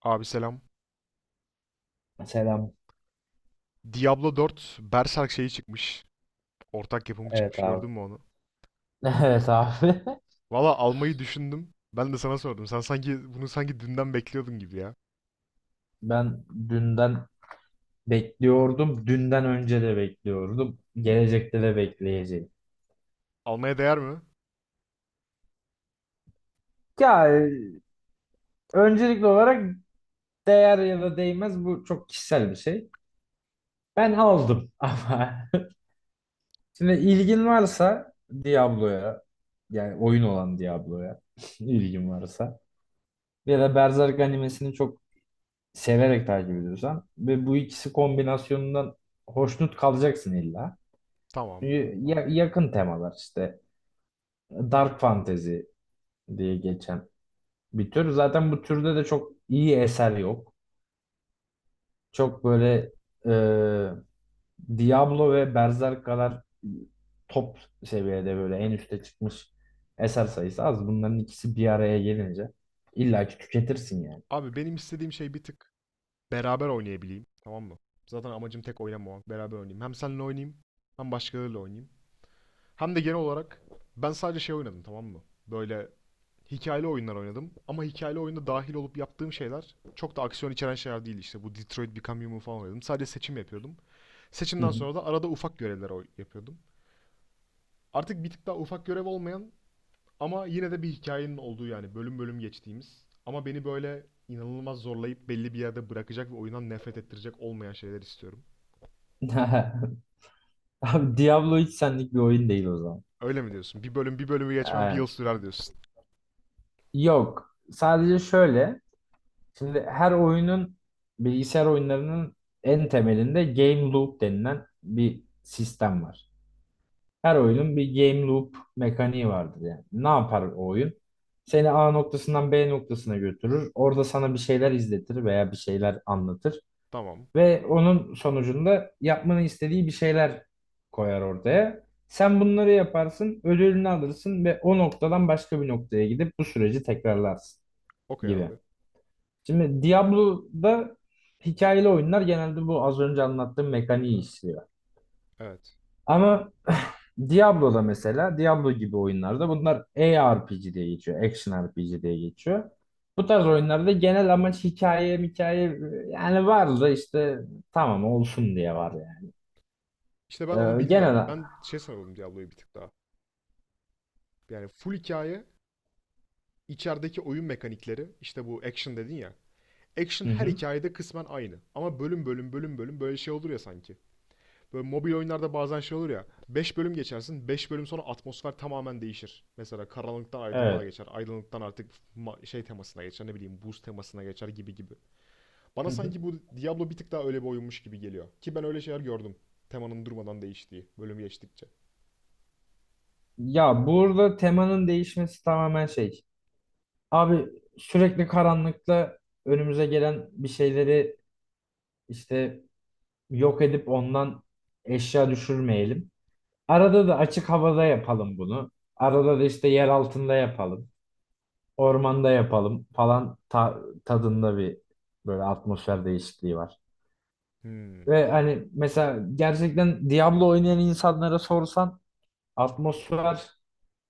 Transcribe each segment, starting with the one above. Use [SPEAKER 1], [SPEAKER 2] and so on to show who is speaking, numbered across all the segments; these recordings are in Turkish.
[SPEAKER 1] Abi selam.
[SPEAKER 2] Selam.
[SPEAKER 1] Diablo 4 Berserk şeyi çıkmış. Ortak yapımı
[SPEAKER 2] Evet
[SPEAKER 1] çıkmış.
[SPEAKER 2] abi.
[SPEAKER 1] Gördün mü onu?
[SPEAKER 2] Evet abi.
[SPEAKER 1] Valla almayı düşündüm. Ben de sana sordum. Sen sanki bunu sanki dünden bekliyordun gibi ya.
[SPEAKER 2] Ben dünden bekliyordum. Dünden önce de bekliyordum. Gelecekte de bekleyeceğim.
[SPEAKER 1] Almaya değer mi?
[SPEAKER 2] Ya öncelikli olarak değer ya da değmez bu çok kişisel bir şey. Ben aldım ama şimdi ilgin varsa Diablo'ya yani oyun olan Diablo'ya ilgin varsa ya da Berserk animesini çok severek takip ediyorsan ve bu ikisi kombinasyonundan hoşnut kalacaksın illa.
[SPEAKER 1] Tamam.
[SPEAKER 2] Yakın temalar işte. Dark fantasy diye geçen bir tür. Zaten bu türde de çok iyi eser yok. Çok böyle e, Diablo ve Berserk kadar top seviyede böyle en üste çıkmış eser sayısı az. Bunların ikisi bir araya gelince illaki tüketirsin yani.
[SPEAKER 1] Abi benim istediğim şey bir tık beraber oynayabileyim. Tamam mı? Zaten amacım tek oynamamak. Beraber oynayayım. Hem seninle oynayayım, hem başkalarıyla oynayayım. Hem de genel olarak ben sadece şey oynadım, tamam mı? Böyle hikayeli oyunlar oynadım. Ama hikayeli oyunda dahil olup yaptığım şeyler çok da aksiyon içeren şeyler değil işte. Bu Detroit Become Human falan oynadım. Sadece seçim yapıyordum. Seçimden
[SPEAKER 2] Hı
[SPEAKER 1] sonra da arada ufak görevler yapıyordum. Artık bir tık daha ufak görev olmayan ama yine de bir hikayenin olduğu, yani bölüm bölüm geçtiğimiz ama beni böyle inanılmaz zorlayıp belli bir yerde bırakacak ve oyundan nefret ettirecek olmayan şeyler istiyorum.
[SPEAKER 2] hı. Abi Diablo hiç senlik bir oyun değil o zaman.
[SPEAKER 1] Öyle mi diyorsun? Bir bölüm bir bölümü geçmem bir yıl
[SPEAKER 2] Yani
[SPEAKER 1] sürer diyorsun.
[SPEAKER 2] yok. Sadece şöyle. Şimdi her oyunun bilgisayar oyunlarının en temelinde game loop denilen bir sistem var. Her oyunun bir game loop mekaniği vardır yani. Ne yapar o oyun? Seni A noktasından B noktasına götürür. Orada sana bir şeyler izletir veya bir şeyler anlatır.
[SPEAKER 1] Tamam.
[SPEAKER 2] Ve onun sonucunda yapmanı istediği bir şeyler koyar ortaya. Sen bunları yaparsın, ödülünü alırsın ve o noktadan başka bir noktaya gidip bu süreci tekrarlarsın
[SPEAKER 1] Okey
[SPEAKER 2] gibi.
[SPEAKER 1] abi.
[SPEAKER 2] Şimdi Diablo'da hikayeli oyunlar genelde bu az önce anlattığım mekaniği işliyor.
[SPEAKER 1] Evet.
[SPEAKER 2] Ama Diablo'da mesela Diablo gibi oyunlarda bunlar ARPG diye geçiyor. Action RPG diye geçiyor. Bu tarz oyunlarda genel amaç hikaye hikaye yani var da işte tamam olsun diye var yani.
[SPEAKER 1] İşte ben
[SPEAKER 2] Ee,
[SPEAKER 1] onu bilmiyorum.
[SPEAKER 2] genel
[SPEAKER 1] Ben şey sanıyordum Diablo'yu, bir tık daha. Yani full hikaye, içerideki oyun mekanikleri, işte bu action dedin ya. Action
[SPEAKER 2] hı
[SPEAKER 1] her
[SPEAKER 2] hı,
[SPEAKER 1] hikayede kısmen aynı. Ama bölüm bölüm bölüm bölüm böyle şey olur ya sanki. Böyle mobil oyunlarda bazen şey olur ya. Beş bölüm geçersin. Beş bölüm sonra atmosfer tamamen değişir. Mesela karanlıktan aydınlığa
[SPEAKER 2] evet.
[SPEAKER 1] geçer. Aydınlıktan artık şey temasına geçer. Ne bileyim, buz temasına geçer gibi gibi. Bana
[SPEAKER 2] Hı hı.
[SPEAKER 1] sanki bu Diablo bir tık daha öyle bir oyunmuş gibi geliyor. Ki ben öyle şeyler gördüm. Temanın durmadan değiştiği bölüm geçtikçe.
[SPEAKER 2] Ya burada temanın değişmesi tamamen şey. Abi sürekli karanlıkta önümüze gelen bir şeyleri işte yok edip ondan eşya düşürmeyelim. Arada da açık havada yapalım bunu. Arada da işte yer altında yapalım. Ormanda yapalım falan tadında bir böyle atmosfer değişikliği var.
[SPEAKER 1] Hmm,
[SPEAKER 2] Ve hani mesela gerçekten Diablo oynayan insanlara sorsan atmosfer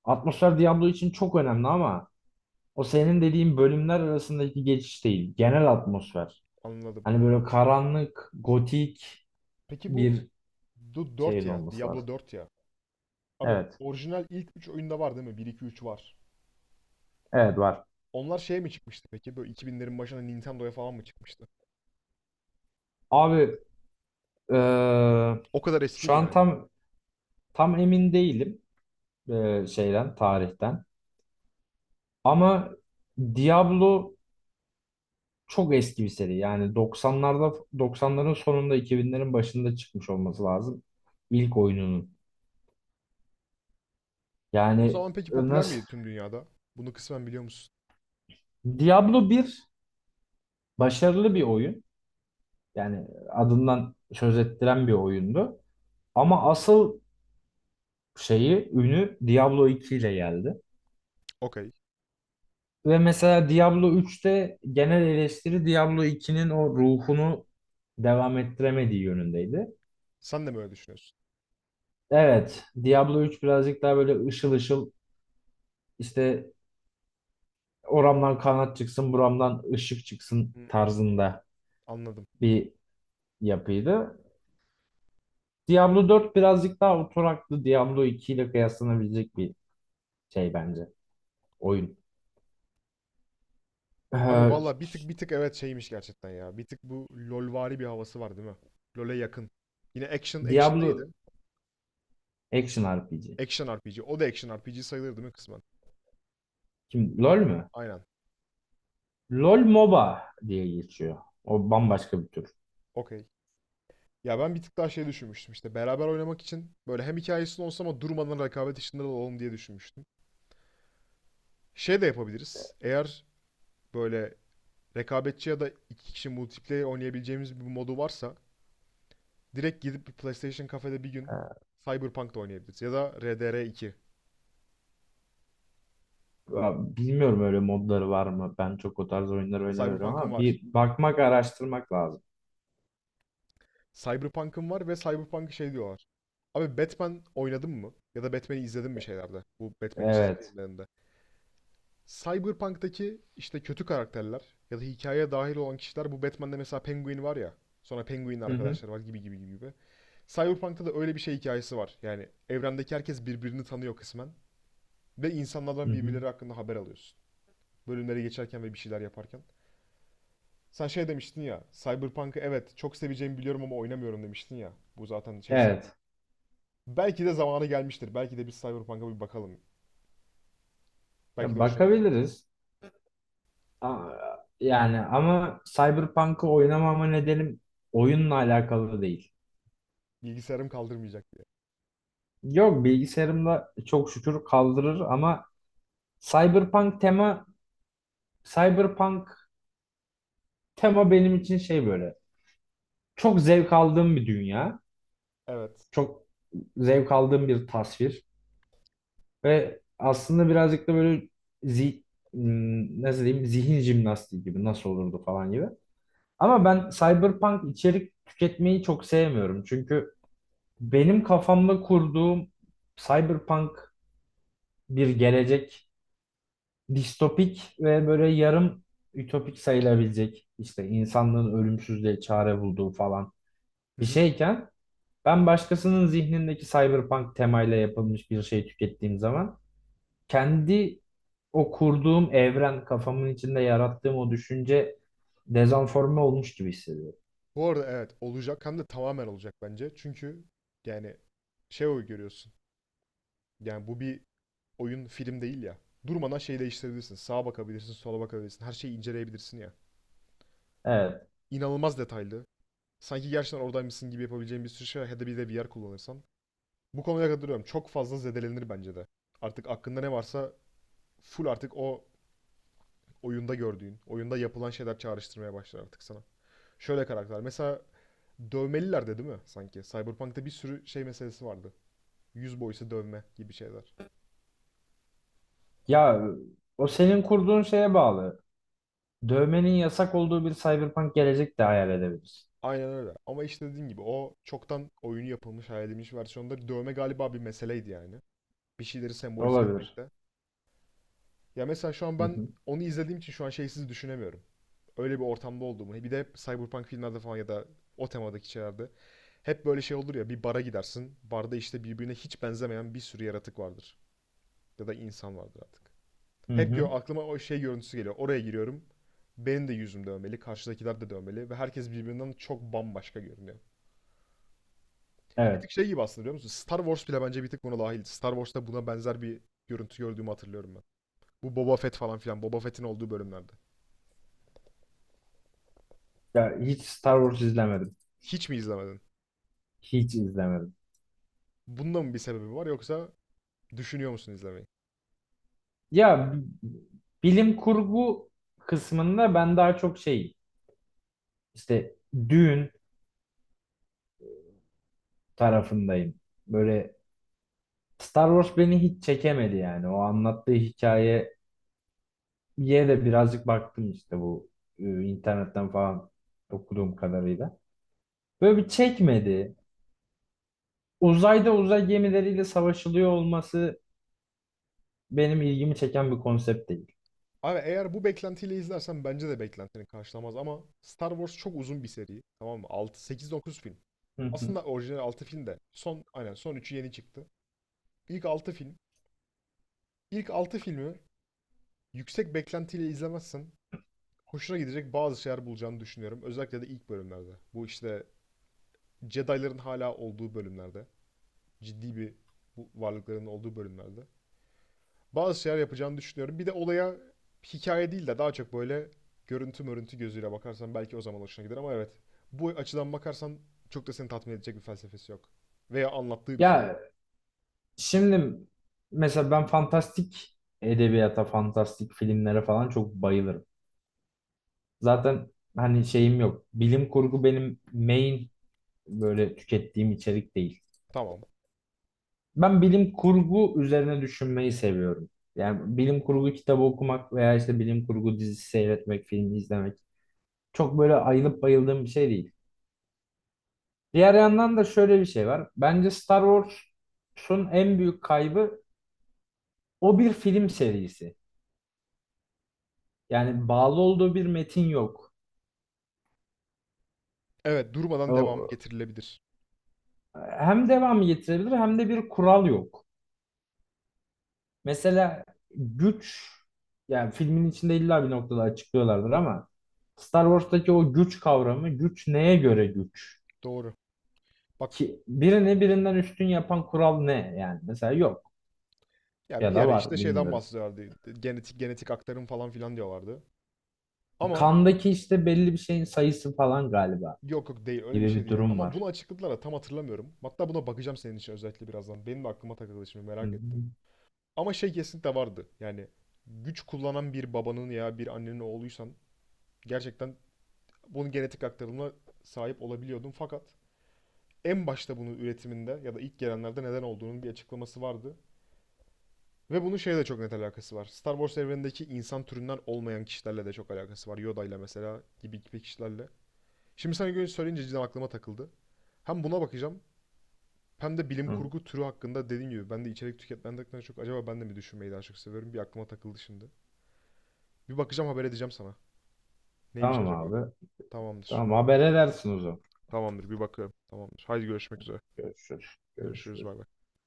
[SPEAKER 2] atmosfer Diablo için çok önemli ama o senin dediğin bölümler arasındaki geçiş değil. Genel atmosfer.
[SPEAKER 1] anladım.
[SPEAKER 2] Hani böyle karanlık, gotik
[SPEAKER 1] Peki bu
[SPEAKER 2] bir
[SPEAKER 1] 4
[SPEAKER 2] şeyin
[SPEAKER 1] ya.
[SPEAKER 2] olması lazım.
[SPEAKER 1] Diablo Dört ya. Abi
[SPEAKER 2] Evet.
[SPEAKER 1] orijinal ilk 3 oyunda var değil mi? Bir 2 3 var.
[SPEAKER 2] Evet var.
[SPEAKER 1] Onlar şeye mi çıkmıştı peki? Böyle 2000'lerin başına Nintendo'ya falan mı çıkmıştı?
[SPEAKER 2] Abi eee,
[SPEAKER 1] O kadar eski
[SPEAKER 2] şu
[SPEAKER 1] mi
[SPEAKER 2] an
[SPEAKER 1] yani?
[SPEAKER 2] tam emin değilim, şeyden tarihten. Ama Diablo çok eski bir seri. Yani 90'larda 90'ların sonunda 2000'lerin başında çıkmış olması lazım ilk oyununun.
[SPEAKER 1] O
[SPEAKER 2] Yani
[SPEAKER 1] zaman peki popüler
[SPEAKER 2] nasıl.
[SPEAKER 1] miydi tüm dünyada? Bunu kısmen biliyor musun?
[SPEAKER 2] Diablo bir başarılı bir oyun. Yani adından söz ettiren bir oyundu. Ama asıl şeyi ünü Diablo 2 ile geldi.
[SPEAKER 1] Okey.
[SPEAKER 2] Ve mesela Diablo 3'te genel eleştiri Diablo 2'nin o ruhunu devam ettiremediği yönündeydi.
[SPEAKER 1] Sen de mi öyle düşünüyorsun?
[SPEAKER 2] Evet, Diablo 3 birazcık daha böyle ışıl ışıl işte oramdan kanat çıksın, buramdan ışık çıksın
[SPEAKER 1] Hmm,
[SPEAKER 2] tarzında
[SPEAKER 1] anladım.
[SPEAKER 2] bir yapıydı. Diablo 4 birazcık daha oturaklı Diablo 2 ile kıyaslanabilecek bir şey bence oyun.
[SPEAKER 1] Abi
[SPEAKER 2] Ee,
[SPEAKER 1] valla bir tık evet şeymiş gerçekten ya. Bir tık bu LoLvari bir havası var değil mi? LoL'e yakın. Yine action neydi?
[SPEAKER 2] Diablo Action RPG.
[SPEAKER 1] Action RPG. O da action RPG sayılır değil mi kısmen?
[SPEAKER 2] Kim? LoL mü?
[SPEAKER 1] Aynen.
[SPEAKER 2] LoL MOBA diye geçiyor. O bambaşka bir tür.
[SPEAKER 1] Okey. Ya ben bir tık daha şey düşünmüştüm işte, beraber oynamak için böyle hem hikayesini olsa ama durmadan rekabet içinde de olalım diye düşünmüştüm. Şey de yapabiliriz. Eğer böyle rekabetçi ya da iki kişi multiplayer oynayabileceğimiz bir modu varsa, direkt gidip bir PlayStation kafede bir gün
[SPEAKER 2] Ee,
[SPEAKER 1] Cyberpunk da oynayabiliriz. Ya da RDR2.
[SPEAKER 2] Ya bilmiyorum öyle modları var mı? Ben çok o tarz oyunlar oynamıyorum
[SPEAKER 1] Cyberpunk'ın
[SPEAKER 2] ama
[SPEAKER 1] var.
[SPEAKER 2] bir bakmak, araştırmak lazım.
[SPEAKER 1] Cyberpunk'ın var ve Cyberpunk şey diyorlar. Abi Batman oynadın mı? Ya da Batman'i izledin mi şeylerde? Bu Batman'in çizgi
[SPEAKER 2] Evet.
[SPEAKER 1] filmlerinde. Cyberpunk'taki işte kötü karakterler ya da hikayeye dahil olan kişiler, bu Batman'de mesela Penguin var ya. Sonra Penguin'in
[SPEAKER 2] Hı hı.
[SPEAKER 1] arkadaşları var gibi gibi gibi gibi. Cyberpunk'ta da öyle bir şey hikayesi var. Yani evrendeki herkes birbirini tanıyor kısmen. Ve
[SPEAKER 2] Hı
[SPEAKER 1] insanlardan
[SPEAKER 2] hı.
[SPEAKER 1] birbirleri hakkında haber alıyorsun. Bölümleri geçerken ve bir şeyler yaparken. Sen şey demiştin ya, Cyberpunk'ı evet çok seveceğimi biliyorum ama oynamıyorum demiştin ya. Bu zaten şey sevdiğim.
[SPEAKER 2] Evet.
[SPEAKER 1] Belki de zamanı gelmiştir. Belki de biz Cyberpunk'a bir bakalım. Belki
[SPEAKER 2] Ya
[SPEAKER 1] de hoşuna gidecek.
[SPEAKER 2] bakabiliriz. Aa, yani ama Cyberpunk'ı oynamama nedenim oyunla alakalı değil.
[SPEAKER 1] Bilgisayarım kaldırmayacak diye.
[SPEAKER 2] Yok bilgisayarımda çok şükür kaldırır ama Cyberpunk tema Cyberpunk tema benim için şey böyle. Çok zevk aldığım bir dünya.
[SPEAKER 1] Evet.
[SPEAKER 2] Çok zevk aldığım bir tasvir. Ve aslında birazcık da böyle zi, nasıl diyeyim zihin jimnastiği gibi nasıl olurdu falan gibi. Ama ben cyberpunk içerik tüketmeyi çok sevmiyorum. Çünkü benim kafamda kurduğum cyberpunk bir gelecek distopik ve böyle yarım ütopik sayılabilecek işte insanlığın ölümsüzlüğe çare bulduğu falan
[SPEAKER 1] Hı
[SPEAKER 2] bir
[SPEAKER 1] hı.
[SPEAKER 2] şeyken ben başkasının zihnindeki cyberpunk temayla yapılmış bir şey tükettiğim zaman kendi o kurduğum evren, kafamın içinde yarattığım o düşünce dezenforme olmuş gibi hissediyorum.
[SPEAKER 1] Bu arada evet olacak, hem de tamamen olacak bence. Çünkü yani şey o görüyorsun. Yani bu bir oyun, film değil ya. Durmadan şey değiştirebilirsin. Sağa bakabilirsin, sola bakabilirsin. Her şeyi inceleyebilirsin ya.
[SPEAKER 2] Evet.
[SPEAKER 1] İnanılmaz detaylı. Sanki gerçekten oradaymışsın gibi yapabileceğin bir sürü şey var. Ya da bir de VR kullanırsan. Bu konuya katılıyorum. Çok fazla zedelenir bence de. Artık aklında ne varsa, full artık o oyunda gördüğün, oyunda yapılan şeyler çağrıştırmaya başlar artık sana. Şöyle karakter. Mesela dövmeliler de değil mi sanki? Cyberpunk'ta bir sürü şey meselesi vardı. Yüz boyası, dövme gibi şeyler.
[SPEAKER 2] Ya o senin kurduğun şeye bağlı. Dövmenin yasak olduğu bir cyberpunk gelecek de hayal edebiliriz.
[SPEAKER 1] Aynen öyle. Ama işte dediğim gibi, o çoktan oyunu yapılmış, hayal edilmiş versiyonda dövme galiba bir meseleydi yani. Bir şeyleri sembolize
[SPEAKER 2] Olabilir.
[SPEAKER 1] etmekte. Ya mesela şu an
[SPEAKER 2] Hı
[SPEAKER 1] ben
[SPEAKER 2] hı.
[SPEAKER 1] onu izlediğim için şu an şeysiz düşünemiyorum. Öyle bir ortamda olduğumu. Bir de Cyberpunk filmlerde falan ya da o temadaki şeylerde, hep böyle şey olur ya, bir bara gidersin. Barda işte birbirine hiç benzemeyen bir sürü yaratık vardır. Ya da insan vardır artık.
[SPEAKER 2] Hı
[SPEAKER 1] Hep
[SPEAKER 2] hı.
[SPEAKER 1] aklıma o şey görüntüsü geliyor. Oraya giriyorum. Benim de yüzüm dövmeli, karşıdakiler de dövmeli ve herkes birbirinden çok bambaşka görünüyor. Bir tık
[SPEAKER 2] Evet.
[SPEAKER 1] şey gibi aslında, biliyor musun? Star Wars bile bence bir tık buna dahil. Star Wars'ta buna benzer bir görüntü gördüğümü hatırlıyorum ben. Bu Boba Fett falan filan. Boba Fett'in olduğu bölümlerde.
[SPEAKER 2] Ya hiç Star Wars izlemedim.
[SPEAKER 1] Hiç mi izlemedin?
[SPEAKER 2] Hiç izlemedim.
[SPEAKER 1] Bunda mı bir sebebi var, yoksa düşünüyor musun izlemeyi?
[SPEAKER 2] Ya bilim kurgu kısmında ben daha çok şey işte düğün tarafındayım. Böyle Star Wars beni hiç çekemedi yani. O anlattığı hikayeye de birazcık baktım işte bu internetten falan okuduğum kadarıyla. Böyle bir çekmedi. Uzayda uzay gemileriyle savaşılıyor olması benim ilgimi çeken bir konsept değil.
[SPEAKER 1] Abi eğer bu beklentiyle izlersen bence de beklentini karşılamaz ama Star Wars çok uzun bir seri. Tamam mı? 6, 8, 9 film.
[SPEAKER 2] Hı hı.
[SPEAKER 1] Aslında orijinal 6 film de, son aynen son üçü yeni çıktı. İlk 6 film. İlk 6 filmi yüksek beklentiyle izlemezsen hoşuna gidecek bazı şeyler bulacağını düşünüyorum. Özellikle de ilk bölümlerde. Bu işte Jedi'ların hala olduğu bölümlerde. Ciddi bir, bu varlıkların olduğu bölümlerde. Bazı şeyler yapacağını düşünüyorum. Bir de olaya hikaye değil de daha çok böyle görüntü mörüntü gözüyle bakarsan belki o zaman hoşuna gider ama evet. Bu açıdan bakarsan çok da seni tatmin edecek bir felsefesi yok. Veya anlattığı bir şey yok.
[SPEAKER 2] Ya şimdi mesela ben fantastik edebiyata, fantastik filmlere falan çok bayılırım. Zaten hani şeyim yok. Bilim kurgu benim main böyle tükettiğim içerik değil.
[SPEAKER 1] Tamam.
[SPEAKER 2] Ben bilim kurgu üzerine düşünmeyi seviyorum. Yani bilim kurgu kitabı okumak veya işte bilim kurgu dizisi seyretmek, filmi izlemek çok böyle ayılıp bayıldığım bir şey değil. Diğer yandan da şöyle bir şey var. Bence Star Wars'un en büyük kaybı o bir film serisi. Yani bağlı olduğu bir metin yok.
[SPEAKER 1] Evet, durmadan devam
[SPEAKER 2] O,
[SPEAKER 1] getirilebilir.
[SPEAKER 2] hem devamı getirebilir hem de bir kural yok. Mesela güç, yani filmin içinde illa bir noktada açıklıyorlardır ama Star Wars'taki o güç kavramı, güç neye göre güç?
[SPEAKER 1] Doğru. Bak,
[SPEAKER 2] Ki birini birinden üstün yapan kural ne yani? Mesela yok
[SPEAKER 1] ya
[SPEAKER 2] ya
[SPEAKER 1] bir
[SPEAKER 2] da
[SPEAKER 1] ara işte
[SPEAKER 2] var
[SPEAKER 1] şeyden
[SPEAKER 2] bilmiyorum.
[SPEAKER 1] bahsediyorlardı. Genetik aktarım falan filan diyorlardı. Ama
[SPEAKER 2] Kandaki işte belli bir şeyin sayısı falan galiba
[SPEAKER 1] yok yok, değil öyle bir
[SPEAKER 2] gibi
[SPEAKER 1] şey
[SPEAKER 2] bir
[SPEAKER 1] değil.
[SPEAKER 2] durum
[SPEAKER 1] Ama bunu
[SPEAKER 2] var.
[SPEAKER 1] açıkladılar da tam hatırlamıyorum. Hatta buna bakacağım senin için özellikle birazdan. Benim de aklıma takıldı şimdi,
[SPEAKER 2] Hı
[SPEAKER 1] merak ettim.
[SPEAKER 2] hı.
[SPEAKER 1] Ama şey kesinlikle vardı. Yani güç kullanan bir babanın ya bir annenin oğluysan, gerçekten bunun genetik aktarımına sahip olabiliyordun. Fakat en başta bunun üretiminde ya da ilk gelenlerde neden olduğunun bir açıklaması vardı. Ve bunun şeyle de çok net alakası var. Star Wars evrenindeki insan türünden olmayan kişilerle de çok alakası var. Yoda ile mesela, gibi gibi kişilerle. Şimdi sana göre söyleyince cidden aklıma takıldı. Hem buna bakacağım hem de bilim
[SPEAKER 2] Hı.
[SPEAKER 1] kurgu türü hakkında dediğim gibi, ben de içerik tüketmenden çok acaba ben de mi düşünmeyi daha çok seviyorum, bir aklıma takıldı şimdi. Bir bakacağım, haber edeceğim sana. Neymiş
[SPEAKER 2] Tamam
[SPEAKER 1] acaba?
[SPEAKER 2] abi.
[SPEAKER 1] Tamamdır.
[SPEAKER 2] Tamam haber edersin o zaman.
[SPEAKER 1] Tamamdır, bir bakıyorum. Tamamdır. Haydi görüşmek üzere.
[SPEAKER 2] Görüşürüz.
[SPEAKER 1] Görüşürüz,
[SPEAKER 2] Görüşürüz.
[SPEAKER 1] bay bay.